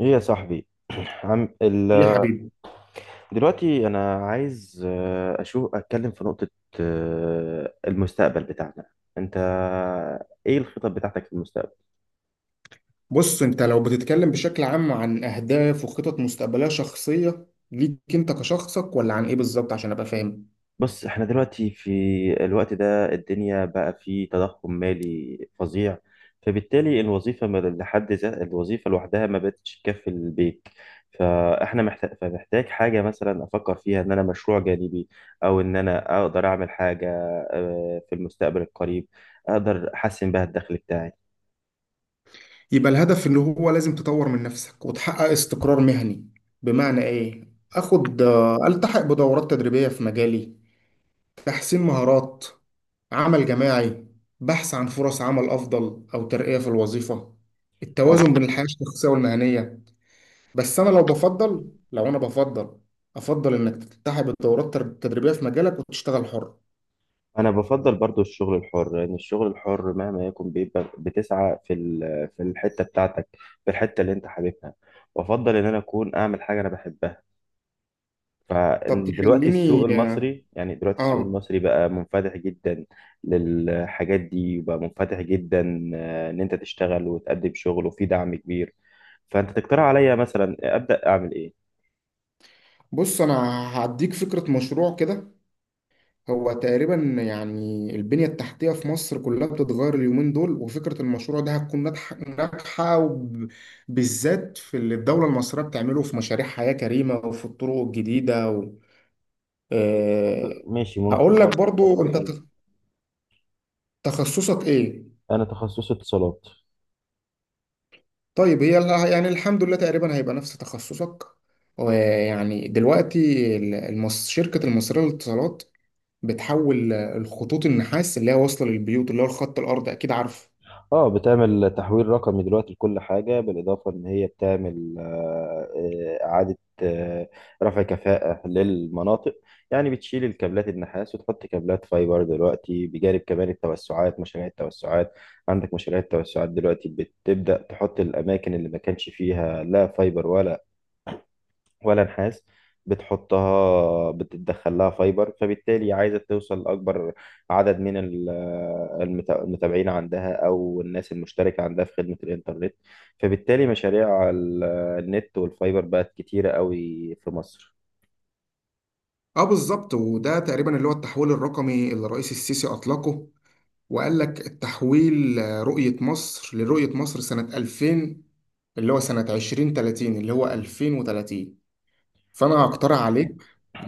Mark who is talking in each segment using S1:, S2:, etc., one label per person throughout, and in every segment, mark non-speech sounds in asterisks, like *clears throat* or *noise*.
S1: ايه يا صاحبي؟ *clears throat* عم ال...
S2: يا حبيبي.
S1: دلوقتي انا عايز اتكلم في نقطة، المستقبل بتاعنا. انت ايه الخطط بتاعتك في المستقبل؟
S2: بص، انت لو بتتكلم بشكل عام عن اهداف وخطط مستقبليه شخصيه ليك انت كشخصك، ولا عن ايه بالظبط عشان ابقى فاهم؟
S1: بص، احنا دلوقتي في الوقت ده الدنيا بقى فيه تضخم مالي فظيع، فبالتالي الوظيفة لحد ذا الوظيفة لوحدها ما بقتش تكفي البيت. فاحنا فمحتاج حاجة مثلا افكر فيها ان انا مشروع جانبي، او ان انا اقدر اعمل حاجة في المستقبل القريب اقدر احسن بها الدخل بتاعي.
S2: يبقى الهدف اللي هو لازم تطور من نفسك وتحقق استقرار مهني. بمعنى ايه؟ اخد، التحق بدورات تدريبيه في مجالي، تحسين مهارات، عمل جماعي، بحث عن فرص عمل افضل او ترقيه في الوظيفه، التوازن بين الحياه الشخصيه والمهنيه. بس انا لو بفضل، لو انا بفضل افضل انك تلتحق بالدورات التدريبيه في مجالك وتشتغل حر.
S1: انا بفضل برضو الشغل الحر، لان الشغل الحر مهما يكون بيبقى بتسعى في الحته بتاعتك، في الحته اللي انت حاببها. وافضل ان انا اكون اعمل حاجه انا بحبها.
S2: طب
S1: فدلوقتي السوق
S2: تخليني،
S1: المصري، يعني دلوقتي السوق
S2: اه.
S1: المصري بقى منفتح جدا للحاجات دي، وبقى منفتح جدا ان انت تشتغل وتقدم شغل، وفي دعم كبير. فانت تقترح عليا مثلا ابدا اعمل ايه؟
S2: بص، انا هديك فكره مشروع كده. هو تقريبا، يعني البنيه التحتيه في مصر كلها بتتغير اليومين دول، وفكره المشروع ده هتكون ناجحه ناجحه، بالذات في اللي الدوله المصريه بتعمله في مشاريع حياه كريمه وفي الطرق الجديده و... آه
S1: ماشي، ممكن
S2: هقول لك
S1: برضه أفكر
S2: برضو انت،
S1: فيه.
S2: تخصصك ايه؟
S1: انا تخصصي اتصالات.
S2: طيب، يعني الحمد لله تقريبا هيبقى نفس تخصصك. ويعني دلوقتي، شركة المصرية للاتصالات بتحول الخطوط النحاس اللي هي واصلة للبيوت، اللي هو الخط الأرضي، أكيد عارفه.
S1: اه، بتعمل تحويل رقمي دلوقتي لكل حاجة، بالإضافة إن هي بتعمل إعادة رفع كفاءة للمناطق. يعني بتشيل الكابلات النحاس وتحط كابلات فايبر دلوقتي، بجانب كمان التوسعات، مشاريع التوسعات. عندك مشاريع التوسعات دلوقتي بتبدأ تحط الأماكن اللي ما كانش فيها لا فايبر ولا نحاس. بتحطها، بتدخل لها فايبر، فبالتالي عايزة توصل لأكبر عدد من المتابعين عندها أو الناس المشتركة عندها في خدمة الإنترنت. فبالتالي مشاريع النت والفايبر بقت كتيرة قوي في مصر.
S2: اه، بالظبط. وده تقريبا اللي هو التحويل الرقمي اللي الرئيس السيسي أطلقه، وقال لك التحويل، رؤية مصر، لرؤية مصر سنة 2000، اللي هو سنة 2030، اللي هو 2030. فأنا هقترح عليك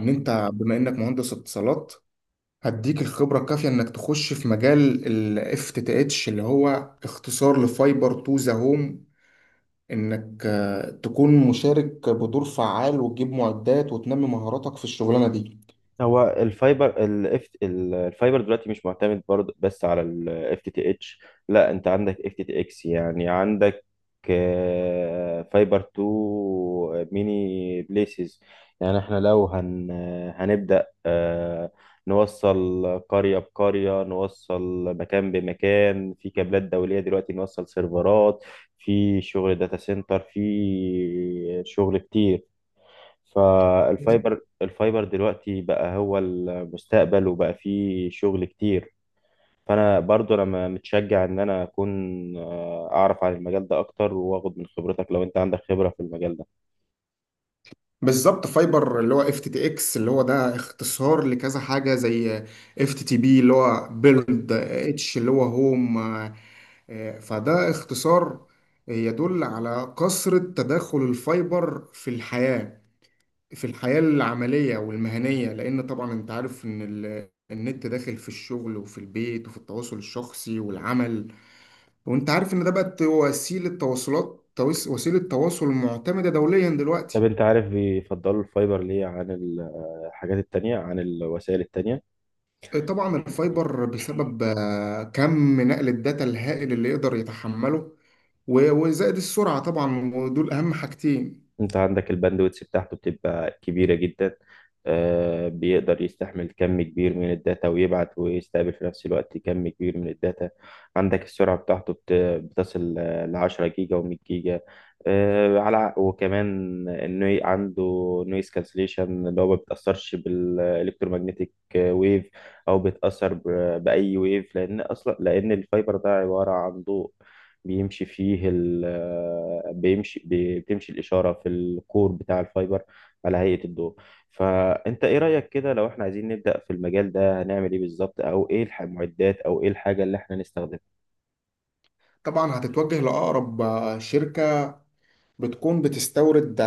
S2: إن أنت، بما إنك مهندس اتصالات، هديك الخبرة الكافية انك تخش في مجال ال FTTH، اللي هو اختصار لفايبر تو ذا هوم، انك تكون مشارك بدور فعال وتجيب معدات وتنمي مهاراتك في الشغلانة دي.
S1: هو الفايبر دلوقتي مش معتمد برضه بس على الاف تي تي اتش. لا، انت عندك اف تي تي اكس، يعني عندك فايبر تو ميني بليسز. يعني احنا لو هنبدأ نوصل قرية بقرية، نوصل مكان بمكان، في كابلات دولية دلوقتي، نوصل سيرفرات، في شغل داتا سنتر، في شغل كتير. فالفايبر دلوقتي بقى هو المستقبل، وبقى فيه شغل كتير. فانا برضو انا متشجع ان انا اكون اعرف عن المجال ده اكتر، واخد من خبرتك لو انت عندك خبرة في المجال ده.
S2: بالظبط، فايبر اللي هو FTTX اللي هو ده اختصار لكذا حاجة، زي FTTP اللي هو بيلد اتش اللي هو هوم. فده اختصار يدل على كثرة تداخل الفايبر في الحياة، في الحياة العملية والمهنية، لأن طبعا أنت عارف إن النت داخل في الشغل وفي البيت وفي التواصل الشخصي والعمل. وأنت عارف إن ده بقت وسيلة تواصلات، وسيلة تواصل معتمدة دوليا
S1: طب،
S2: دلوقتي.
S1: انت عارف بيفضلوا الفايبر ليه عن الحاجات التانية، عن الوسائل التانية؟
S2: طبعا الفايبر بسبب كم نقل الداتا الهائل اللي يقدر يتحمله، وزائد السرعة طبعا، ودول أهم حاجتين.
S1: انت عندك الباندويتس بتاعته بتبقى كبيرة جدا، بيقدر يستحمل كم كبير من الداتا، ويبعت ويستقبل في نفس الوقت كم كبير من الداتا. عندك السرعة بتاعته بتصل لـ10 جيجا و100 جيجا، على وكمان انه عنده نويز كانسليشن، اللي هو ما بيتأثرش بالإلكترومagnetic ويف، أو بيتأثر بأي ويف، لأن أصلا لأن الفايبر ده عبارة عن ضوء، بيمشي فيه ال بيمشي بي- بتمشي الإشارة في الكور بتاع الفايبر على هيئة الضوء. فأنت إيه رأيك كده؟ لو إحنا عايزين نبدأ في المجال ده هنعمل إيه بالظبط؟ أو إيه المعدات أو إيه الحاجة اللي إحنا نستخدمها؟
S2: طبعا هتتوجه لأقرب شركة بتكون بتستورد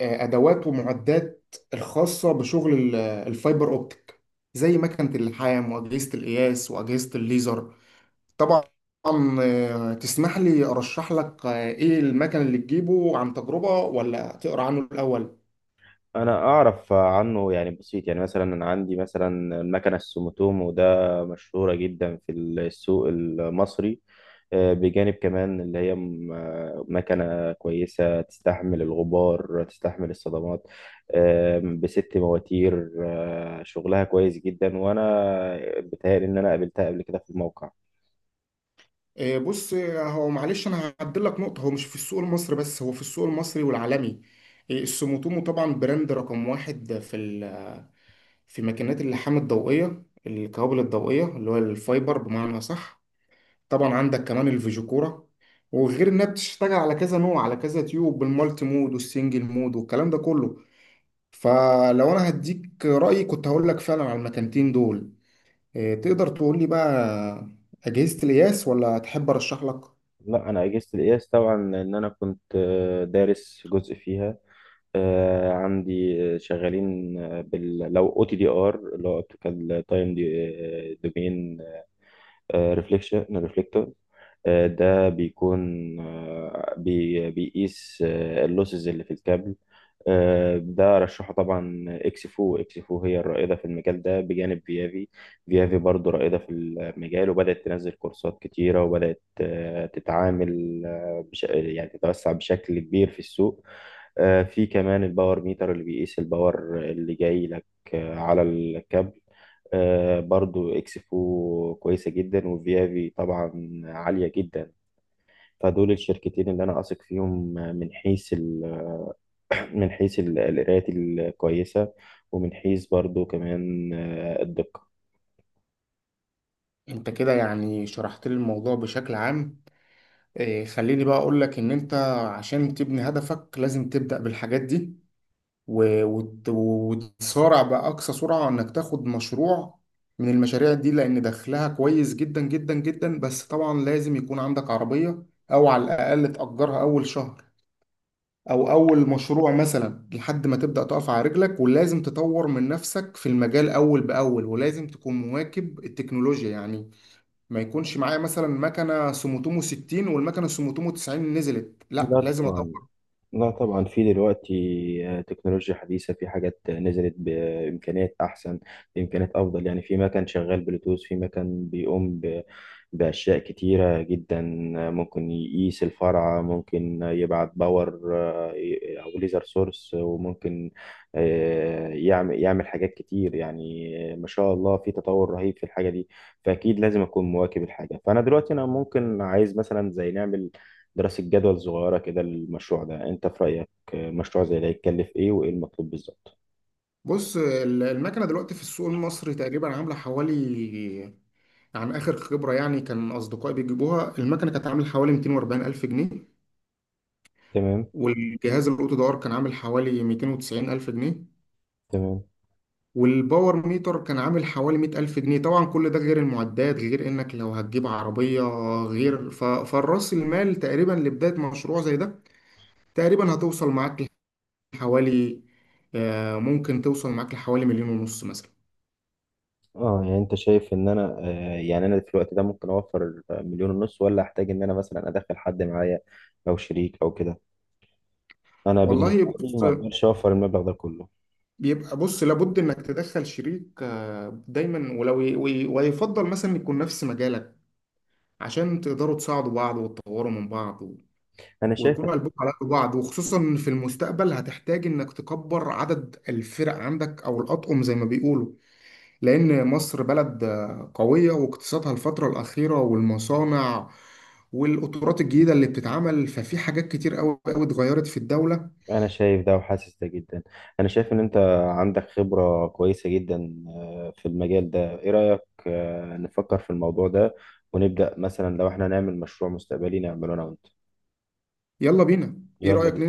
S2: ادوات ومعدات الخاصه بشغل الفايبر اوبتيك، زي مكنه اللحام واجهزه القياس واجهزه الليزر. طبعا تسمح لي ارشح لك ايه المكن اللي تجيبه عن تجربه، ولا تقرا عنه الاول؟
S1: أنا أعرف عنه يعني بسيط، يعني مثلا أنا عندي مثلا المكنة السوموتومو ده، مشهورة جدا في السوق المصري، بجانب كمان اللي هي مكنة كويسة، تستحمل الغبار، تستحمل الصدمات، بست مواتير، شغلها كويس جدا، وأنا بتهيألي إن أنا قابلتها قبل كده في الموقع.
S2: بص، هو معلش انا هعدل لك نقطه، هو مش في السوق المصري بس، هو في السوق المصري والعالمي. السوموتومو طبعا براند رقم واحد في في ماكينات اللحام الضوئيه، الكوابل الضوئيه اللي هو الفايبر، بمعنى صح. طبعا عندك كمان الفيجو كورة، وغير انها بتشتغل على كذا نوع، على كذا تيوب، بالمالتي مود والسنجل مود والكلام ده كله. فلو انا هديك رأيي، كنت هقول لك فعلا على المكانتين دول. إيه، تقدر تقول لي بقى أجهزة القياس، ولا تحب ارشح لك؟
S1: لا، أنا أجهزة القياس طبعا، إن أنا كنت دارس جزء فيها، عندي شغالين بال لو او تي دي ار، اللي هو اوبتيكال تايم دومين ريفليكشن. ده بيكون بيقيس اللوسز اللي في الكابل. ده رشحه طبعا اكسفو. اكسفو هي الرائدة في المجال ده بجانب فيافي. فيافي برضو رائدة في المجال، وبدأت تنزل كورسات كتيرة، وبدأت تتعامل يعني تتوسع بشكل كبير في السوق. في كمان الباور ميتر اللي بيقيس الباور اللي جاي لك على الكابل. برضو اكسفو كويسة جدا، وفيافي طبعا عالية جدا. فدول الشركتين اللي انا اثق فيهم، *clears throat* من حيث القرايات الكويسة، ومن حيث برضو كمان الدقة.
S2: انت كده يعني شرحت لي الموضوع بشكل عام. إيه، خليني بقى اقول لك ان انت عشان تبني هدفك لازم تبدأ بالحاجات دي، وتسارع بأقصى سرعة إنك تاخد مشروع من المشاريع دي، لأن دخلها كويس جدا جدا جدا. بس طبعا لازم يكون عندك عربية، أو على الأقل تأجرها أول شهر، أو أول مشروع مثلا، لحد ما تبدأ تقف على رجلك. ولازم تطور من نفسك في المجال أول بأول، ولازم تكون مواكب التكنولوجيا، يعني ما يكونش معايا مثلا مكنة سوموتومو 60 والمكنة سوموتومو 90 نزلت، لا
S1: لا
S2: لازم.
S1: طبعا. لا طبعا، في دلوقتي تكنولوجيا حديثة، في حاجات نزلت بإمكانيات أحسن، بإمكانيات أفضل، يعني في مكان شغال بلوتوث، في مكان بيقوم بأشياء كتيرة جدا. ممكن يقيس الفرع، ممكن يبعت باور أو ليزر سورس، وممكن يعمل حاجات كتير، يعني ما شاء الله في تطور رهيب في الحاجة دي. فأكيد لازم أكون مواكب الحاجة، فأنا دلوقتي أنا ممكن عايز مثلا زي نعمل دراسة جدول صغيرة كده للمشروع ده. انت في رأيك مشروع زي ده يتكلف ايه وايه المطلوب بالظبط؟
S2: بص، المكنة دلوقتي في السوق المصري تقريبا عاملة حوالي، عن آخر خبرة يعني كان أصدقائي بيجيبوها، المكنة كانت عاملة حوالي 240 ألف جنيه.
S1: تمام.
S2: والجهاز الأوتو دور كان عامل حوالي 290 ألف جنيه.
S1: تمام.
S2: والباور ميتر كان عامل حوالي 100 ألف جنيه. طبعا كل ده غير المعدات، غير إنك لو هتجيب عربية، غير ف... فالرأس المال تقريبا لبداية مشروع زي ده، تقريبا هتوصل معاك لحوالي، ممكن توصل معاك لحوالي مليون ونص مثلا.
S1: اه، يعني انت شايف ان انا يعني انا في الوقت ده ممكن اوفر مليون ونص ولا احتاج ان انا مثلا ادخل حد معايا، او شريك او كده؟ انا
S2: والله،
S1: بالنسبة لي
S2: بص،
S1: ما اقدرش اوفر المبلغ ده كله.
S2: بيبقى، بص، لابد انك تدخل شريك دايما، ويفضل مثلا يكون نفس مجالك، عشان تقدروا تساعدوا بعض وتطوروا من بعض،
S1: انا شايف
S2: ويكونوا قلبكم على قلب بعض. وخصوصا في المستقبل هتحتاج انك تكبر عدد الفرق عندك، او الاطقم زي ما بيقولوا، لان مصر بلد قوية، واقتصادها الفترة الأخيرة والمصانع والقطارات الجديدة اللي بتتعمل، ففي حاجات كتير قوي قوي اتغيرت في الدولة.
S1: انا شايف ده وحاسس ده جدا. انا شايف ان انت عندك خبرة كويسة جدا، في المجال ده، ايه رأيك نفكر في الموضوع ده، ونبدأ مثلا لو احنا نعمل مشروع مستقبلي نعمله انا وانت؟
S2: يلا بينا. ايه
S1: يلا
S2: رأيك؟
S1: بينا.